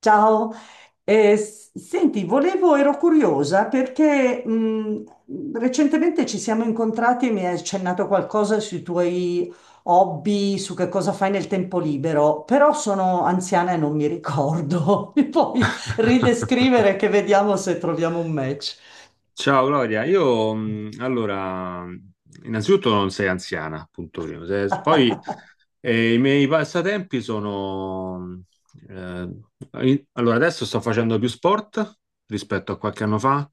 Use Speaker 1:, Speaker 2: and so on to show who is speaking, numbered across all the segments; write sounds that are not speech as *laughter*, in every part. Speaker 1: Ciao. Senti, volevo, ero curiosa perché recentemente ci siamo incontrati e mi hai accennato qualcosa sui tuoi hobby, su che cosa fai nel tempo libero, però sono anziana e non mi ricordo. *laughs* Mi puoi ridescrivere
Speaker 2: *laughs*
Speaker 1: che vediamo se troviamo un match.
Speaker 2: Ciao Gloria, io innanzitutto non sei anziana, punto primo. Se- poi I miei passatempi sono... eh, adesso sto facendo più sport rispetto a qualche anno fa.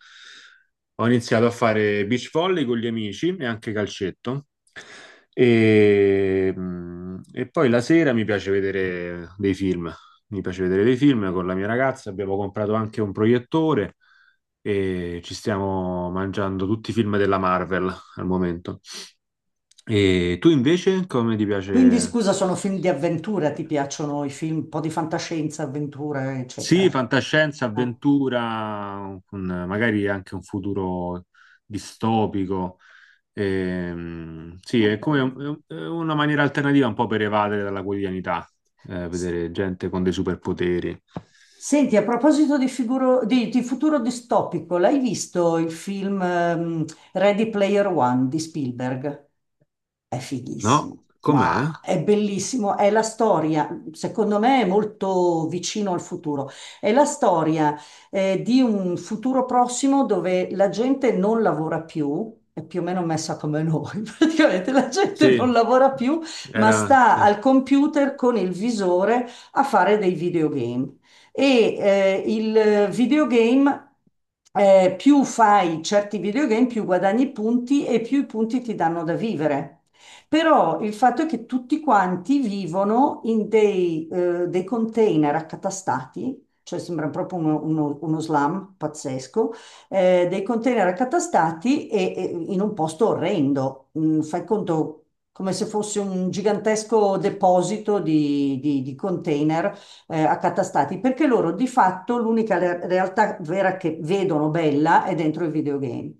Speaker 2: Ho iniziato a fare beach volley con gli amici e anche calcetto. E poi la sera mi piace vedere dei film con la mia ragazza, abbiamo comprato anche un proiettore e ci stiamo mangiando tutti i film della Marvel al momento. E tu invece come ti
Speaker 1: Quindi
Speaker 2: piace?
Speaker 1: scusa, sono film di avventura, ti piacciono i film, un po' di fantascienza, avventura, eccetera.
Speaker 2: Sì, fantascienza,
Speaker 1: Ah,
Speaker 2: avventura, con magari anche un futuro distopico. Sì, è
Speaker 1: ok.
Speaker 2: è una maniera alternativa un po' per evadere dalla quotidianità, vedere gente con dei superpoteri.
Speaker 1: Senti, a proposito di, figuro- di futuro distopico, l'hai visto il film Ready Player One di Spielberg? È
Speaker 2: No?
Speaker 1: fighissimo,
Speaker 2: Com'è?
Speaker 1: ma è bellissimo, è la storia, secondo me è molto vicino al futuro, è la storia di un futuro prossimo dove la gente non lavora più, è più o meno messa come noi, *laughs* praticamente la gente
Speaker 2: Sì,
Speaker 1: non lavora più, ma
Speaker 2: era...
Speaker 1: sta
Speaker 2: sì.
Speaker 1: al computer con il visore a fare dei videogame. E il videogame, più fai certi videogame, più guadagni punti e più i punti ti danno da vivere. Però il fatto è che tutti quanti vivono in dei container accatastati, cioè sembra proprio uno slam pazzesco, dei container accatastati e in un posto orrendo. Fai conto come se fosse un gigantesco deposito di, di container accatastati, perché loro di fatto l'unica realtà vera che vedono bella è dentro il videogame.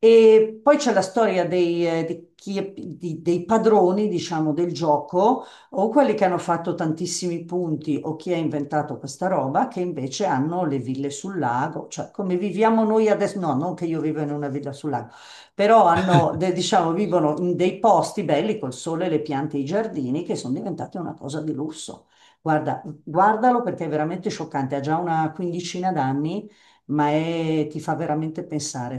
Speaker 1: E poi c'è la storia dei, dei padroni, diciamo, del gioco, o quelli che hanno fatto tantissimi punti, o chi ha inventato questa roba, che invece hanno le ville sul lago, cioè come viviamo noi adesso, no, non che io vivo in una villa sul lago, però hanno, diciamo, vivono in dei posti belli col sole, le piante e i giardini, che sono diventati una cosa di lusso. Guarda, guardalo perché è veramente scioccante, ha già una quindicina d'anni, ma ti fa veramente pensare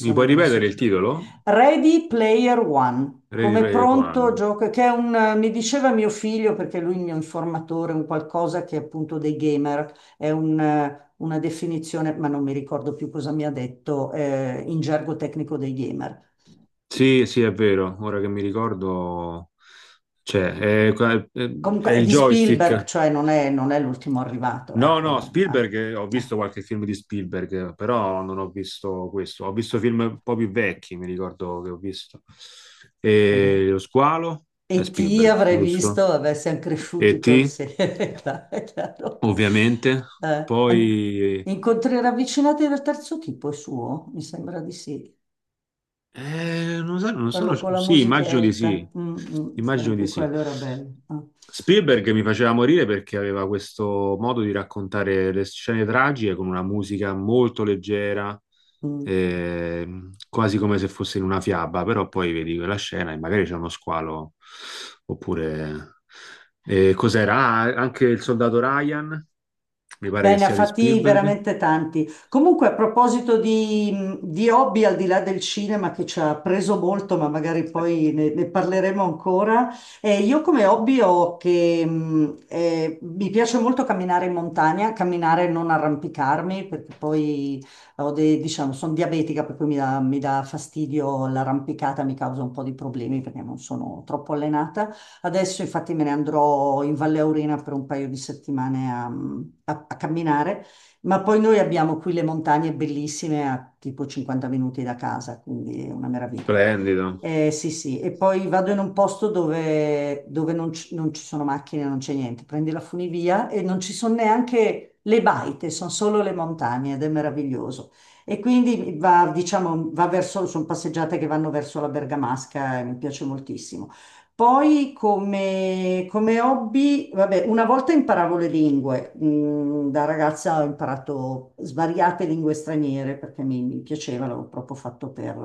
Speaker 2: Mi puoi
Speaker 1: della
Speaker 2: ripetere il
Speaker 1: società.
Speaker 2: titolo?
Speaker 1: Ready Player One,
Speaker 2: Ready
Speaker 1: come
Speaker 2: Player
Speaker 1: pronto
Speaker 2: One.
Speaker 1: gioco, che è un, mi diceva mio figlio, perché lui è il mio informatore, un qualcosa che è appunto dei gamer, è una definizione, ma non mi ricordo più cosa mi ha detto, in gergo tecnico dei gamer.
Speaker 2: Sì, sì, è vero, ora che mi ricordo... Cioè, è, è- è
Speaker 1: Comunque è
Speaker 2: il
Speaker 1: di Spielberg,
Speaker 2: joystick.
Speaker 1: cioè non è, l'ultimo arrivato,
Speaker 2: No, no,
Speaker 1: ecco.
Speaker 2: Spielberg, ho
Speaker 1: Eh, eh,
Speaker 2: visto qualche film di Spielberg, però non ho visto questo. Ho visto film un po' più vecchi, mi ricordo che ho visto.
Speaker 1: vabbè.
Speaker 2: E Lo squalo è
Speaker 1: E ti
Speaker 2: Spielberg,
Speaker 1: avrei visto,
Speaker 2: giusto?
Speaker 1: vabbè, siamo cresciuti
Speaker 2: E
Speaker 1: col
Speaker 2: T,
Speaker 1: sé, *laughs* è chiaro. È chiaro.
Speaker 2: ovviamente.
Speaker 1: Eh, an-
Speaker 2: Poi
Speaker 1: Incontri ravvicinati del terzo tipo è suo, mi sembra di sì.
Speaker 2: Non sono,
Speaker 1: Quello con la
Speaker 2: sì, immagino di
Speaker 1: musichetta,
Speaker 2: sì,
Speaker 1: mm, mm, sì,
Speaker 2: immagino di
Speaker 1: anche
Speaker 2: sì.
Speaker 1: quello era bello. Ah,
Speaker 2: Spielberg mi faceva morire perché aveva questo modo di raccontare le scene tragiche con una musica molto leggera,
Speaker 1: mm.
Speaker 2: quasi come se fosse in una fiaba, però poi vedi quella scena e magari c'è uno squalo, oppure... cos'era? Ah, anche il soldato Ryan, mi pare
Speaker 1: Beh,
Speaker 2: che
Speaker 1: ne ha
Speaker 2: sia di
Speaker 1: fatti
Speaker 2: Spielberg.
Speaker 1: veramente tanti. Comunque, a proposito di hobby, al di là del cinema che ci ha preso molto, ma magari poi ne parleremo ancora, io come hobby ho che mi piace molto camminare in montagna, camminare e non arrampicarmi, perché poi diciamo, sono diabetica, per cui mi dà fastidio l'arrampicata, mi causa un po' di problemi perché non sono troppo allenata. Adesso infatti me ne andrò in Valle Aurina per un paio di settimane a, a camminare, ma poi noi abbiamo qui le montagne bellissime a tipo 50 minuti da casa, quindi è una meraviglia.
Speaker 2: Splendido.
Speaker 1: Eh sì, sì, e poi vado in un posto dove non, ci sono macchine, non c'è niente, prendi la funivia e non ci sono neanche le baite, sono solo le montagne ed è meraviglioso. E quindi va, diciamo, va verso, sono passeggiate che vanno verso la Bergamasca e mi piace moltissimo. Poi come hobby, vabbè, una volta imparavo le lingue. Da ragazza ho imparato svariate lingue straniere perché mi piaceva, l'avevo proprio fatto per,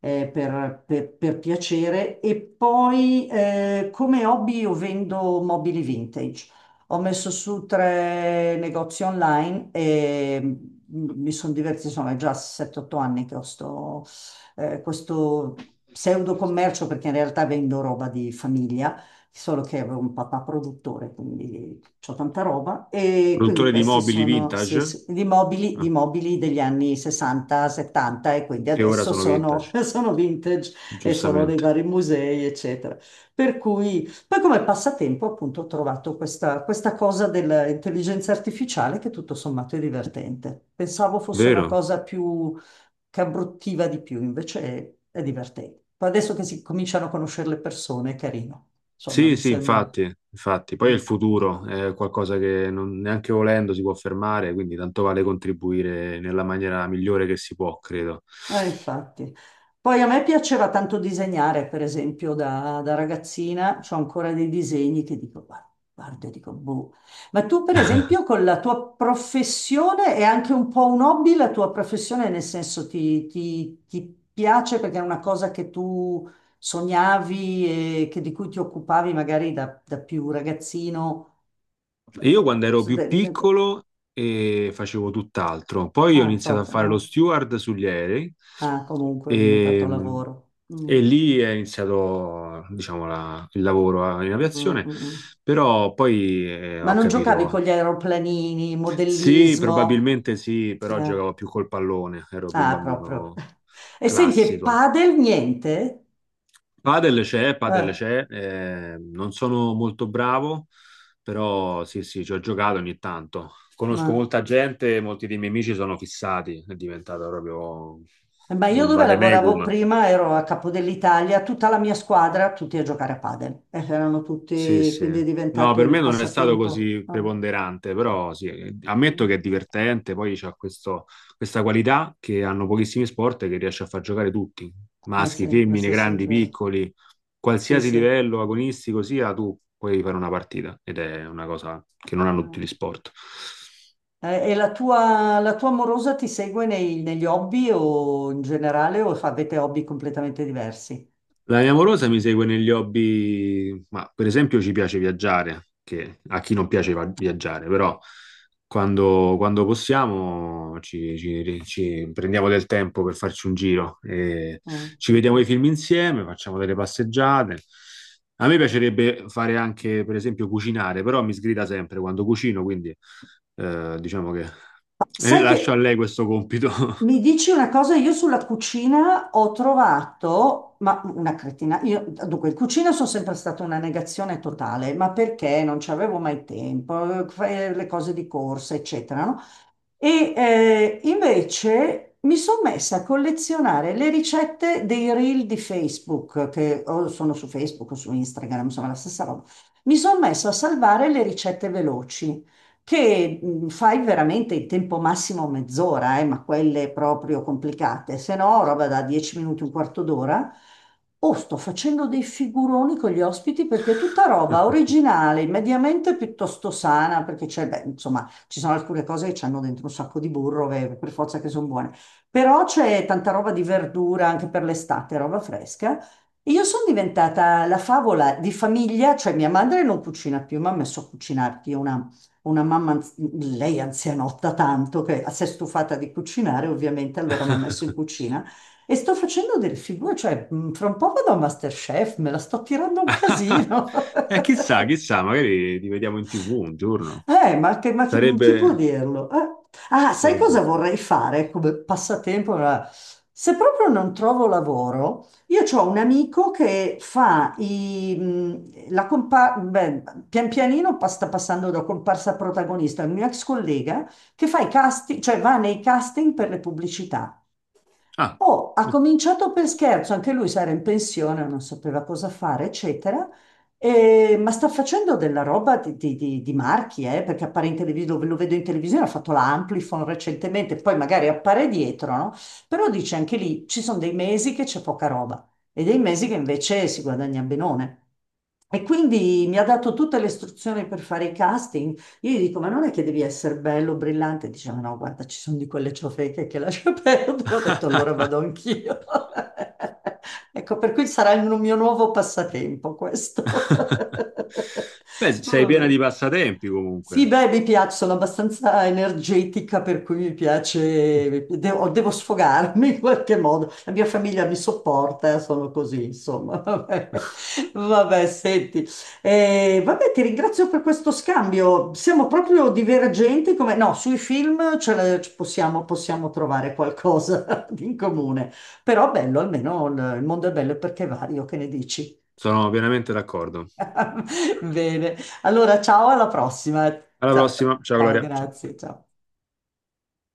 Speaker 1: per piacere. E poi come hobby io vendo mobili vintage. Ho messo su tre negozi online e mi sono divertita, insomma, è già 7-8 anni che ho sto, questo pseudo commercio perché in realtà vendo roba di famiglia solo che avevo un papà produttore, quindi ho tanta roba. E quindi
Speaker 2: Produttore di
Speaker 1: questi
Speaker 2: mobili
Speaker 1: sono sì,
Speaker 2: vintage?
Speaker 1: sì, gli mobili, gli
Speaker 2: Ah,
Speaker 1: mobili degli anni 60, 70 e quindi
Speaker 2: che ora
Speaker 1: adesso
Speaker 2: sono
Speaker 1: sono,
Speaker 2: vintage,
Speaker 1: *laughs* sono vintage e sono nei
Speaker 2: giustamente.
Speaker 1: vari musei, eccetera. Per cui, poi come passatempo appunto ho trovato questa, questa cosa dell'intelligenza artificiale che tutto sommato è divertente. Pensavo fosse una
Speaker 2: Vero?
Speaker 1: cosa più che abbruttiva di più, invece è divertente. Poi adesso che si cominciano a conoscere le persone è carino. Insomma,
Speaker 2: Sì,
Speaker 1: mi
Speaker 2: sì,
Speaker 1: sembra.
Speaker 2: infatti, infatti. Poi è il futuro è qualcosa che neanche volendo si può fermare, quindi tanto vale contribuire nella maniera migliore che si può, credo.
Speaker 1: Infatti. Poi a me piaceva tanto disegnare, per esempio, da ragazzina, ho ancora dei disegni che dico, guarda, guarda, dico, boh. Ma tu, per esempio, con la tua professione è anche un po' un hobby, la tua professione, nel senso ti, ti piace perché è una cosa che tu sognavi e di cui ti occupavi magari da più ragazzino.
Speaker 2: Io quando ero più
Speaker 1: Diventa-
Speaker 2: piccolo facevo tutt'altro, poi ho
Speaker 1: Ah,
Speaker 2: iniziato a
Speaker 1: proprio,
Speaker 2: fare lo
Speaker 1: no?
Speaker 2: steward sugli aerei
Speaker 1: Ah, comunque è diventato
Speaker 2: e,
Speaker 1: lavoro. Mm,
Speaker 2: e lì è iniziato, diciamo, il lavoro in
Speaker 1: mm,
Speaker 2: aviazione,
Speaker 1: mm, mm.
Speaker 2: però poi
Speaker 1: Ma
Speaker 2: ho
Speaker 1: non giocavi con
Speaker 2: capito.
Speaker 1: gli aeroplanini,
Speaker 2: Sì,
Speaker 1: modellismo?
Speaker 2: probabilmente sì, però
Speaker 1: Eh,
Speaker 2: giocavo più col pallone, ero più un
Speaker 1: Ah, proprio.
Speaker 2: bambino
Speaker 1: E senti, e
Speaker 2: classico.
Speaker 1: padel niente?
Speaker 2: Padel
Speaker 1: Eh,
Speaker 2: c'è, non sono molto bravo, però sì, sì, ci ho giocato ogni tanto. Conosco
Speaker 1: ma,
Speaker 2: molta gente, molti dei miei amici sono fissati, è diventato proprio
Speaker 1: ma io
Speaker 2: un
Speaker 1: dove lavoravo
Speaker 2: vademecum.
Speaker 1: prima ero a Capo dell'Italia, tutta la mia squadra, tutti a giocare a padel. Erano
Speaker 2: Sì,
Speaker 1: tutti, quindi
Speaker 2: sì.
Speaker 1: è
Speaker 2: No,
Speaker 1: diventato
Speaker 2: per
Speaker 1: il
Speaker 2: me non è stato
Speaker 1: passatempo.
Speaker 2: così
Speaker 1: Ah,
Speaker 2: preponderante, però sì, ammetto
Speaker 1: mm.
Speaker 2: che è divertente, poi questa qualità che hanno pochissimi sport e che riesce a far giocare tutti,
Speaker 1: Eh
Speaker 2: maschi,
Speaker 1: sì,
Speaker 2: femmine,
Speaker 1: questo sì, è
Speaker 2: grandi,
Speaker 1: vero.
Speaker 2: piccoli,
Speaker 1: Sì,
Speaker 2: qualsiasi
Speaker 1: sì.
Speaker 2: livello agonistico sia, tu puoi fare una partita ed è una cosa che non hanno
Speaker 1: Ah.
Speaker 2: tutti gli sport.
Speaker 1: E la tua amorosa ti segue negli hobby o in generale o avete hobby completamente diversi?
Speaker 2: La mia amorosa mi segue negli hobby, ma per esempio ci piace viaggiare, che a chi non piace viaggiare, però quando possiamo ci prendiamo del tempo per farci un giro, e
Speaker 1: Mm.
Speaker 2: ci vediamo i film insieme, facciamo delle passeggiate. A me piacerebbe fare anche, per esempio, cucinare, però mi sgrida sempre quando cucino, quindi diciamo che
Speaker 1: Sai che
Speaker 2: lascio a lei questo compito.
Speaker 1: mi dici una cosa, io sulla cucina ho trovato, ma una cretina, io, dunque, in cucina sono sempre stata una negazione totale, ma perché non ci avevo mai tempo, fai le cose di corsa, eccetera, no? E invece mi sono messa a collezionare le ricette dei reel di Facebook, che o sono su Facebook o su Instagram, insomma la stessa roba. Mi sono messa a salvare le ricette veloci, che fai veramente in tempo massimo mezz'ora, ma quelle proprio complicate, se no roba da 10 minuti, un quarto d'ora. O sto facendo dei figuroni con gli ospiti perché è tutta roba originale, mediamente piuttosto sana, perché c'è, beh, insomma, ci sono alcune cose che hanno dentro un sacco di burro, che per forza che sono buone. Però c'è tanta roba di verdura anche per l'estate, roba fresca. E io sono diventata la favola di famiglia, cioè mia madre non cucina più, ma ha messo a cucinarti una mamma, lei anzianotta tanto, che si è stufata di cucinare, ovviamente, allora mi ha messo in
Speaker 2: *laughs*
Speaker 1: cucina. E sto facendo delle figure, cioè fra un po' vado a MasterChef, me la sto tirando un
Speaker 2: *laughs*
Speaker 1: casino. *laughs*
Speaker 2: Chissà, chissà, magari li vediamo in TV un giorno.
Speaker 1: Ma chi può
Speaker 2: Sarebbe,
Speaker 1: dirlo? Ah, sai
Speaker 2: sarebbe...
Speaker 1: cosa vorrei fare come passatempo? Se proprio non trovo lavoro, io ho un amico che fa i, pian pianino sta passando da comparsa a protagonista, è un mio ex collega che fa i casting, cioè va nei casting per le pubblicità.
Speaker 2: Ah,
Speaker 1: Oh, ha cominciato per scherzo, anche lui si era in pensione, non sapeva cosa fare, eccetera. Ma sta facendo della roba di marchi, perché appare in televisione, lo vedo in televisione, ha fatto la Amplifon recentemente, poi magari appare dietro, no? Però dice anche lì, ci sono dei mesi che c'è poca roba e dei mesi che invece si guadagna benone. E quindi mi ha dato tutte le istruzioni per fare i casting, io gli dico, ma non è che devi essere bello, brillante? Diceva, no, guarda, ci sono di quelle ciofeche che lascia *laughs* perdere. Ho detto, allora
Speaker 2: *laughs*
Speaker 1: vado anch'io. *laughs* Ecco, per cui sarà il mio nuovo passatempo questo.
Speaker 2: Beh,
Speaker 1: *laughs*
Speaker 2: sei piena
Speaker 1: Vabbè.
Speaker 2: di passatempi
Speaker 1: Sì,
Speaker 2: comunque.
Speaker 1: beh, mi piace, sono abbastanza energetica, per cui mi piace, devo,
Speaker 2: *laughs*
Speaker 1: devo sfogarmi *laughs* in qualche modo. La mia famiglia mi sopporta, sono così, insomma. *laughs* Vabbè, vabbè, senti. Vabbè, ti ringrazio per questo scambio. Siamo proprio divergenti, come... No, sui film ce la- ci possiamo, possiamo trovare qualcosa *laughs* in comune. Però bello, almeno il mondo è bello perché è vario, che ne dici?
Speaker 2: Sono pienamente d'accordo.
Speaker 1: *laughs* Bene, allora ciao, alla prossima.
Speaker 2: Alla
Speaker 1: Ciao, ciao,
Speaker 2: prossima. Ciao
Speaker 1: ciao,
Speaker 2: Gloria. Ciao.
Speaker 1: grazie, ciao.